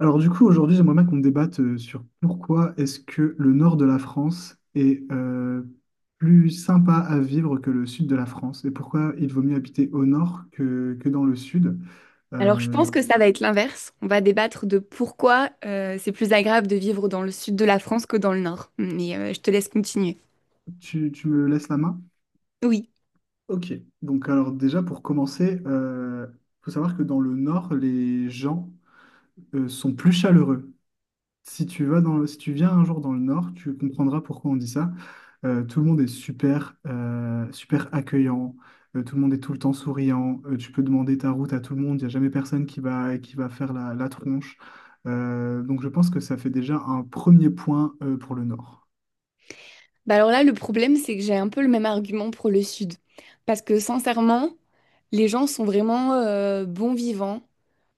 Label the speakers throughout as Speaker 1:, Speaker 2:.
Speaker 1: Alors du coup, aujourd'hui, j'aimerais bien qu'on débatte sur pourquoi est-ce que le nord de la France est plus sympa à vivre que le sud de la France et pourquoi il vaut mieux habiter au nord que dans le sud.
Speaker 2: Alors, je
Speaker 1: Euh,
Speaker 2: pense que ça va être l'inverse. On va débattre de pourquoi c'est plus agréable de vivre dans le sud de la France que dans le nord. Mais je te laisse continuer.
Speaker 1: tu me laisses la main?
Speaker 2: Oui.
Speaker 1: Ok, donc alors déjà pour commencer, il faut savoir que dans le nord, les gens sont plus chaleureux. Si tu vas dans le- Si tu viens un jour dans le Nord, tu comprendras pourquoi on dit ça. Tout le monde est super, super accueillant. Tout le monde est tout le temps souriant. Tu peux demander ta route à tout le monde. Il n'y a jamais personne qui va faire la tronche. Donc je pense que ça fait déjà un premier point, pour le Nord.
Speaker 2: Bah alors là, le problème, c'est que j'ai un peu le même argument pour le sud. Parce que sincèrement, les gens sont vraiment bons vivants,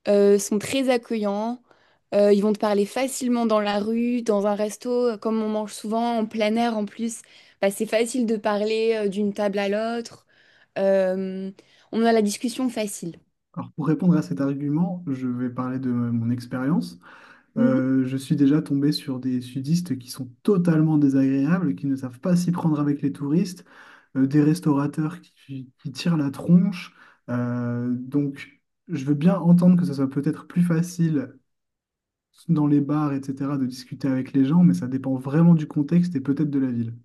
Speaker 2: sont très accueillants, ils vont te parler facilement dans la rue, dans un resto, comme on mange souvent en plein air en plus. Bah, c'est facile de parler d'une table à l'autre. Euh, on a la discussion facile.
Speaker 1: Alors pour répondre à cet argument, je vais parler de mon expérience. Je suis déjà tombé sur des sudistes qui sont totalement désagréables, qui ne savent pas s'y prendre avec les touristes, des restaurateurs qui tirent la tronche. Donc, je veux bien entendre que ce soit peut-être plus facile dans les bars, etc., de discuter avec les gens, mais ça dépend vraiment du contexte et peut-être de la ville.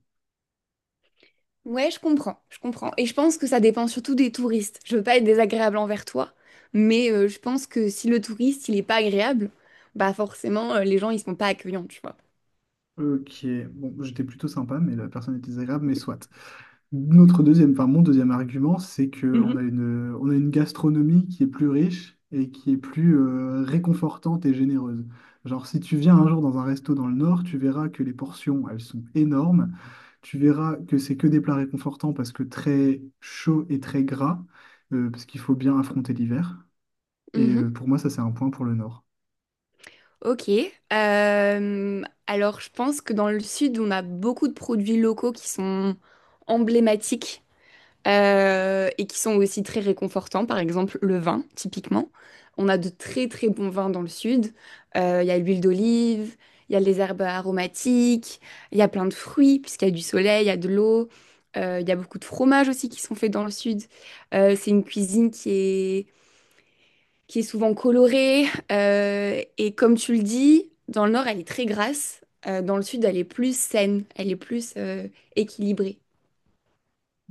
Speaker 2: Ouais, je comprends, je comprends. Et je pense que ça dépend surtout des touristes. Je veux pas être désagréable envers toi, mais je pense que si le touriste, il est pas agréable, bah forcément, les gens, ils sont pas accueillants, tu vois.
Speaker 1: Ok, bon, j'étais plutôt sympa, mais la personne était désagréable, mais soit. Notre deuxième, enfin mon deuxième argument, c'est qu'on a une gastronomie qui est plus riche et qui est plus réconfortante et généreuse. Genre, si tu viens un jour dans un resto dans le Nord, tu verras que les portions, elles sont énormes. Tu verras que c'est que des plats réconfortants parce que très chaud et très gras, parce qu'il faut bien affronter l'hiver. Et
Speaker 2: Mhm.
Speaker 1: pour moi, ça, c'est un point pour le Nord.
Speaker 2: Ok. Euh, alors, je pense que dans le sud, on a beaucoup de produits locaux qui sont emblématiques. Et qui sont aussi très réconfortants. Par exemple, le vin, typiquement. On a de très très bons vins dans le sud. Il y a l'huile d'olive, il y a les herbes aromatiques, il y a plein de fruits, puisqu'il y a du soleil, il y a de l'eau. Il y a beaucoup de fromages aussi qui sont faits dans le sud. C'est une cuisine qui est souvent colorée. Et comme tu le dis, dans le nord, elle est très grasse. Dans le sud, elle est plus saine, elle est plus équilibrée.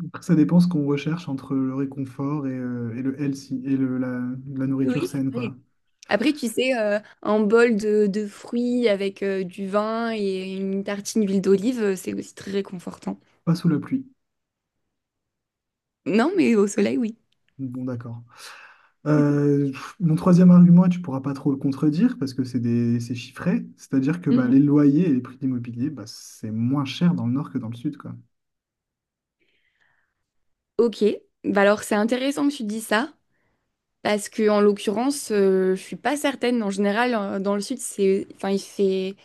Speaker 1: Après, ça dépend ce qu'on recherche entre le réconfort et le healthy, et la nourriture
Speaker 2: Oui.
Speaker 1: saine, quoi.
Speaker 2: Après, tu sais, un bol de fruits avec du vin et une tartine d'huile d'olive, c'est aussi très réconfortant.
Speaker 1: Pas sous la pluie.
Speaker 2: Non, mais au soleil, oui.
Speaker 1: Bon, d'accord. Euh, Mon troisième argument, et tu pourras pas trop le contredire parce que c'est chiffré, c'est-à-dire que bah,
Speaker 2: Mhm.
Speaker 1: les loyers et les prix de l'immobilier, bah, c'est moins cher dans le nord que dans le sud, quoi.
Speaker 2: Ok, bah alors c'est intéressant que tu dis ça, parce que en l'occurrence, je suis pas certaine. En général, dans le sud, c'est, enfin, il fait,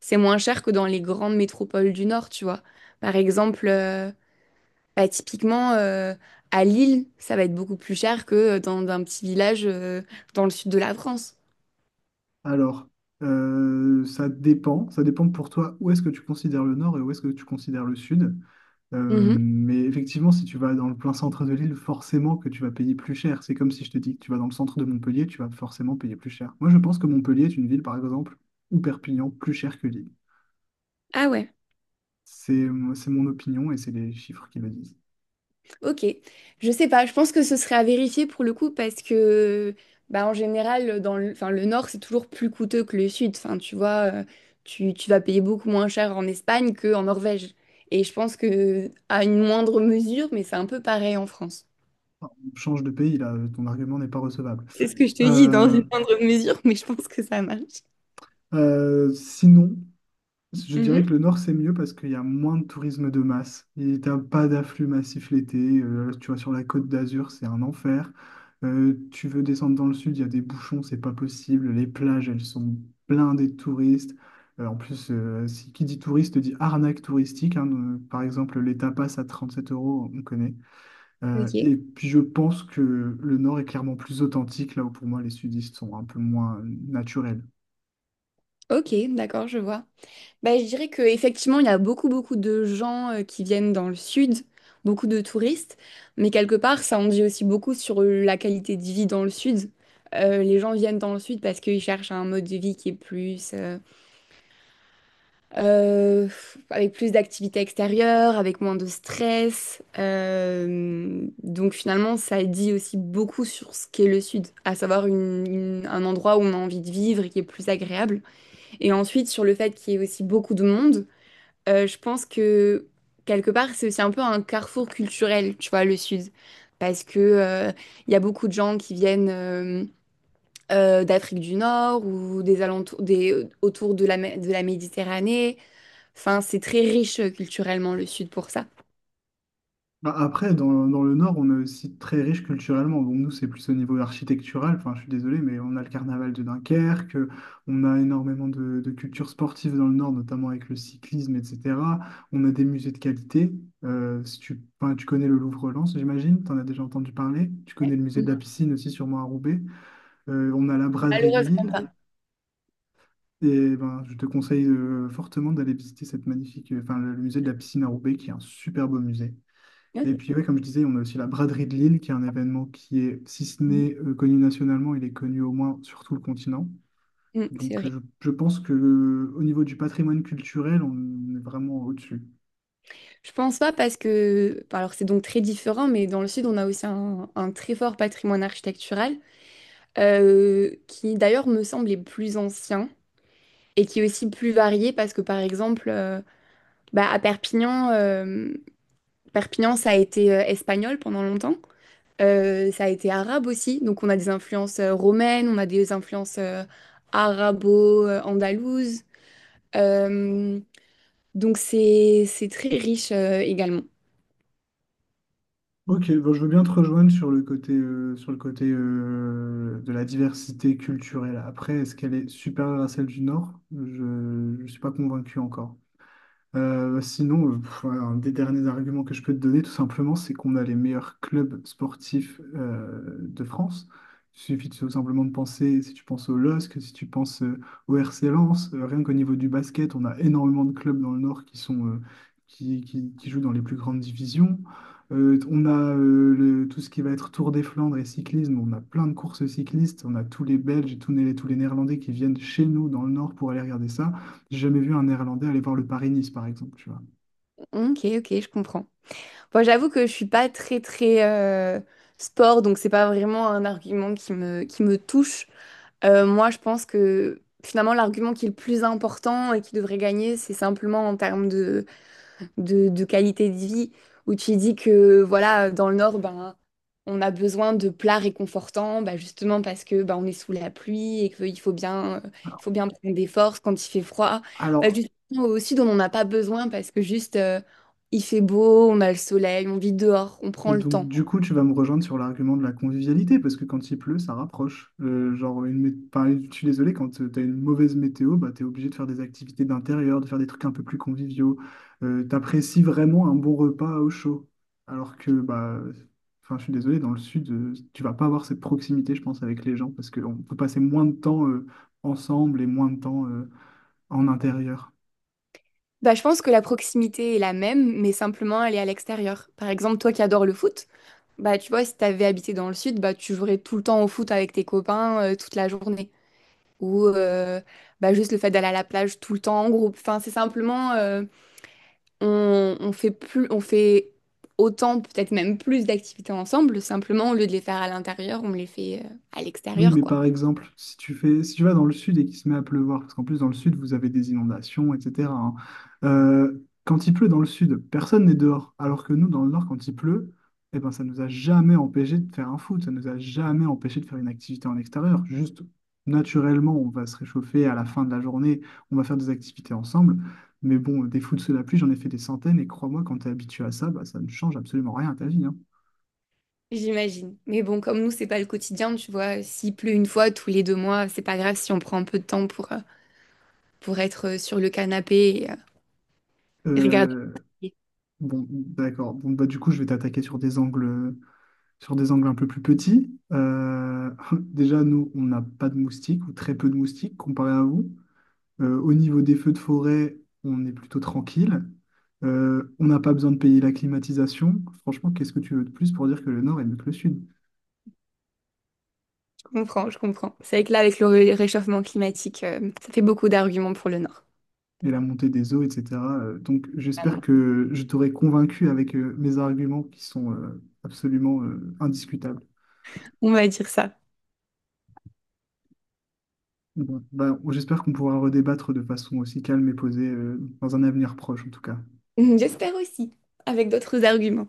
Speaker 2: c'est moins cher que dans les grandes métropoles du nord, tu vois. Par exemple, bah, typiquement à Lille, ça va être beaucoup plus cher que dans un petit village dans le sud de la France.
Speaker 1: Alors, ça dépend pour toi où est-ce que tu considères le nord et où est-ce que tu considères le sud.
Speaker 2: Mhm.
Speaker 1: Mais effectivement, si tu vas dans le plein centre de l'île, forcément que tu vas payer plus cher. C'est comme si je te dis que tu vas dans le centre de Montpellier, tu vas forcément payer plus cher. Moi, je pense que Montpellier est une ville, par exemple, ou Perpignan, plus chère que Lille.
Speaker 2: Ah ouais.
Speaker 1: C'est, c'est mon opinion et c'est les chiffres qui le disent.
Speaker 2: Ok, je sais pas, je pense que ce serait à vérifier pour le coup parce que bah, en général dans le, enfin, le nord c'est toujours plus coûteux que le sud, enfin tu vois, tu vas payer beaucoup moins cher en Espagne qu'en Norvège. Et je pense que à une moindre mesure, mais c'est un peu pareil en France.
Speaker 1: Change de pays, là, ton argument n'est pas recevable.
Speaker 2: C'est ce que je te dis, dans
Speaker 1: Euh,
Speaker 2: une moindre mesure, mais je pense que ça marche.
Speaker 1: sinon, je dirais que
Speaker 2: Mhm.
Speaker 1: le nord, c'est mieux parce qu'il y a moins de tourisme de masse. Il t'as pas d'afflux massif l'été. Tu vois, sur la côte d'Azur, c'est un enfer. Tu veux descendre dans le sud, il y a des bouchons, c'est pas possible. Les plages, elles sont blindées de touristes. En plus, si, qui dit touriste dit arnaque touristique, hein. Par exemple, les tapas à 37 euros, on connaît.
Speaker 2: Ok,
Speaker 1: Et puis je pense que le Nord est clairement plus authentique, là où pour moi les sudistes sont un peu moins naturels.
Speaker 2: ok, d'accord, je vois. Bah, je dirais qu'effectivement, il y a beaucoup, beaucoup de gens qui viennent dans le sud, beaucoup de touristes, mais quelque part, ça en dit aussi beaucoup sur la qualité de vie dans le sud. Les gens viennent dans le sud parce qu'ils cherchent un mode de vie qui est plus, euh, avec plus d'activités extérieures, avec moins de stress. Donc finalement, ça dit aussi beaucoup sur ce qu'est le sud, à savoir un endroit où on a envie de vivre et qui est plus agréable. Et ensuite, sur le fait qu'il y ait aussi beaucoup de monde. Je pense que quelque part, c'est aussi un peu un carrefour culturel, tu vois, le Sud. Parce que, il y a beaucoup de gens qui viennent d'Afrique du Nord ou des alentours, autour de la, de la Méditerranée. Enfin, c'est très riche culturellement, le Sud, pour ça.
Speaker 1: Bah, après, dans le Nord, on est aussi très riche culturellement. Bon, nous, c'est plus au niveau architectural, enfin, je suis désolé, mais on a le carnaval de Dunkerque, on a énormément de culture sportive dans le Nord, notamment avec le cyclisme, etc. On a des musées de qualité. Si tu, enfin, Tu connais le Louvre-Lens, j'imagine, tu en as déjà entendu parler. Tu connais le musée de la piscine aussi, sûrement à Roubaix. On a la braderie de
Speaker 2: Malheureusement
Speaker 1: Lille.
Speaker 2: pas.
Speaker 1: Et ben, je te conseille fortement d'aller visiter cette magnifique, le musée de la piscine à Roubaix, qui est un super beau musée.
Speaker 2: Ok.
Speaker 1: Et puis, ouais, comme je disais, on a aussi la braderie de Lille, qui est un événement qui est, si ce n'est connu nationalement, il est connu au moins sur tout le continent.
Speaker 2: Mm, c'est
Speaker 1: Donc,
Speaker 2: vrai.
Speaker 1: je pense que au niveau du patrimoine culturel, on est vraiment au-dessus.
Speaker 2: Je pense pas parce que, bon, alors c'est donc très différent, mais dans le sud, on a aussi un très fort patrimoine architectural. Qui d'ailleurs me semble est plus ancien et qui est aussi plus varié parce que par exemple bah, à Perpignan, Perpignan ça a été espagnol pendant longtemps. Ça a été arabe aussi, donc on a des influences romaines, on a des influences arabo-andalouses. Euh, donc c'est très riche également.
Speaker 1: Ok, bon, je veux bien te rejoindre sur le côté, de la diversité culturelle. Après, est-ce qu'elle est supérieure à celle du Nord? Je ne suis pas convaincu encore. Sinon, voilà, un des derniers arguments que je peux te donner, tout simplement, c'est qu'on a les meilleurs clubs sportifs de France. Tout simplement de penser, si tu penses au LOSC, si tu penses au RC Lens, rien qu'au niveau du basket, on a énormément de clubs dans le Nord qui sont, qui jouent dans les plus grandes divisions. Tout ce qui va être Tour des Flandres et cyclisme, on a plein de courses cyclistes, on a tous les Belges et tous les Néerlandais qui viennent chez nous dans le Nord pour aller regarder ça. J'ai jamais vu un Néerlandais aller voir le Paris-Nice, par exemple, tu vois.
Speaker 2: Ok, ok, je comprends. Bon, j'avoue que je suis pas très très sport, donc c'est pas vraiment un argument qui me touche. Moi, je pense que finalement, l'argument qui est le plus important et qui devrait gagner, c'est simplement en termes de qualité de vie, où tu dis que voilà, dans le Nord, ben, on a besoin de plats réconfortants, ben justement parce que ben, on est sous la pluie et qu'il faut bien, il
Speaker 1: Alors,
Speaker 2: faut bien prendre des forces quand il fait froid. Ben
Speaker 1: alors,
Speaker 2: justement, au Sud, on n'en a pas besoin parce que juste, il fait beau, on a le soleil, on vit dehors, on prend le
Speaker 1: donc
Speaker 2: temps.
Speaker 1: du coup, tu vas me rejoindre sur l'argument de la convivialité, parce que quand il pleut, ça rapproche. Genre, je suis désolé, quand tu as une mauvaise météo, bah, tu es obligé de faire des activités d'intérieur, de faire des trucs un peu plus conviviaux. T'apprécies vraiment un bon repas au chaud. Alors que, bah, enfin, je suis désolé, dans le sud, tu vas pas avoir cette proximité, je pense, avec les gens, parce qu'on peut passer moins de temps ensemble et moins de temps en intérieur.
Speaker 2: Bah, je pense que la proximité est la même, mais simplement elle est à l'extérieur. Par exemple, toi qui adores le foot, bah, tu vois, si t'avais habité dans le sud, bah, tu jouerais tout le temps au foot avec tes copains toute la journée. Ou bah, juste le fait d'aller à la plage tout le temps en groupe. Enfin, c'est simplement, on fait plus, on fait autant, peut-être même plus d'activités ensemble. Simplement, au lieu de les faire à l'intérieur, on les fait à
Speaker 1: Oui,
Speaker 2: l'extérieur,
Speaker 1: mais
Speaker 2: quoi.
Speaker 1: par exemple, si tu vas dans le sud et qu'il se met à pleuvoir, parce qu'en plus dans le sud, vous avez des inondations, etc., hein, quand il pleut dans le sud, personne n'est dehors. Alors que nous, dans le nord, quand il pleut, eh ben, ça nous a jamais empêché de faire un foot, ça nous a jamais empêché de faire une activité en extérieur. Juste, naturellement, on va se réchauffer à la fin de la journée, on va faire des activités ensemble. Mais bon, des foot sous la pluie, j'en ai fait des centaines, et crois-moi, quand tu es habitué à ça, bah, ça ne change absolument rien à ta vie, hein.
Speaker 2: J'imagine. Mais bon, comme nous, c'est pas le quotidien, tu vois. S'il pleut une fois tous les deux mois, c'est pas grave si on prend un peu de temps pour être sur le canapé et, euh, et regarder.
Speaker 1: Euh,
Speaker 2: Je
Speaker 1: Bon, d'accord. Bon, bah, du coup, je vais t'attaquer sur des angles un peu plus petits. Déjà, nous, on n'a pas de moustiques ou très peu de moustiques comparé à vous. Au niveau des feux de forêt, on est plutôt tranquille. On n'a pas besoin de payer la climatisation. Franchement, qu'est-ce que tu veux de plus pour dire que le nord est mieux que le sud?
Speaker 2: comprends, je comprends. C'est vrai que là, avec le réchauffement climatique, ça fait beaucoup d'arguments pour le Nord.
Speaker 1: Et la montée des eaux, etc. Donc, j'espère
Speaker 2: Vraiment.
Speaker 1: que je t'aurai convaincu avec mes arguments qui sont absolument indiscutables.
Speaker 2: On va dire ça.
Speaker 1: Bon, bah, j'espère qu'on pourra redébattre de façon aussi calme et posée, dans un avenir proche en tout cas.
Speaker 2: J'espère aussi, avec d'autres arguments.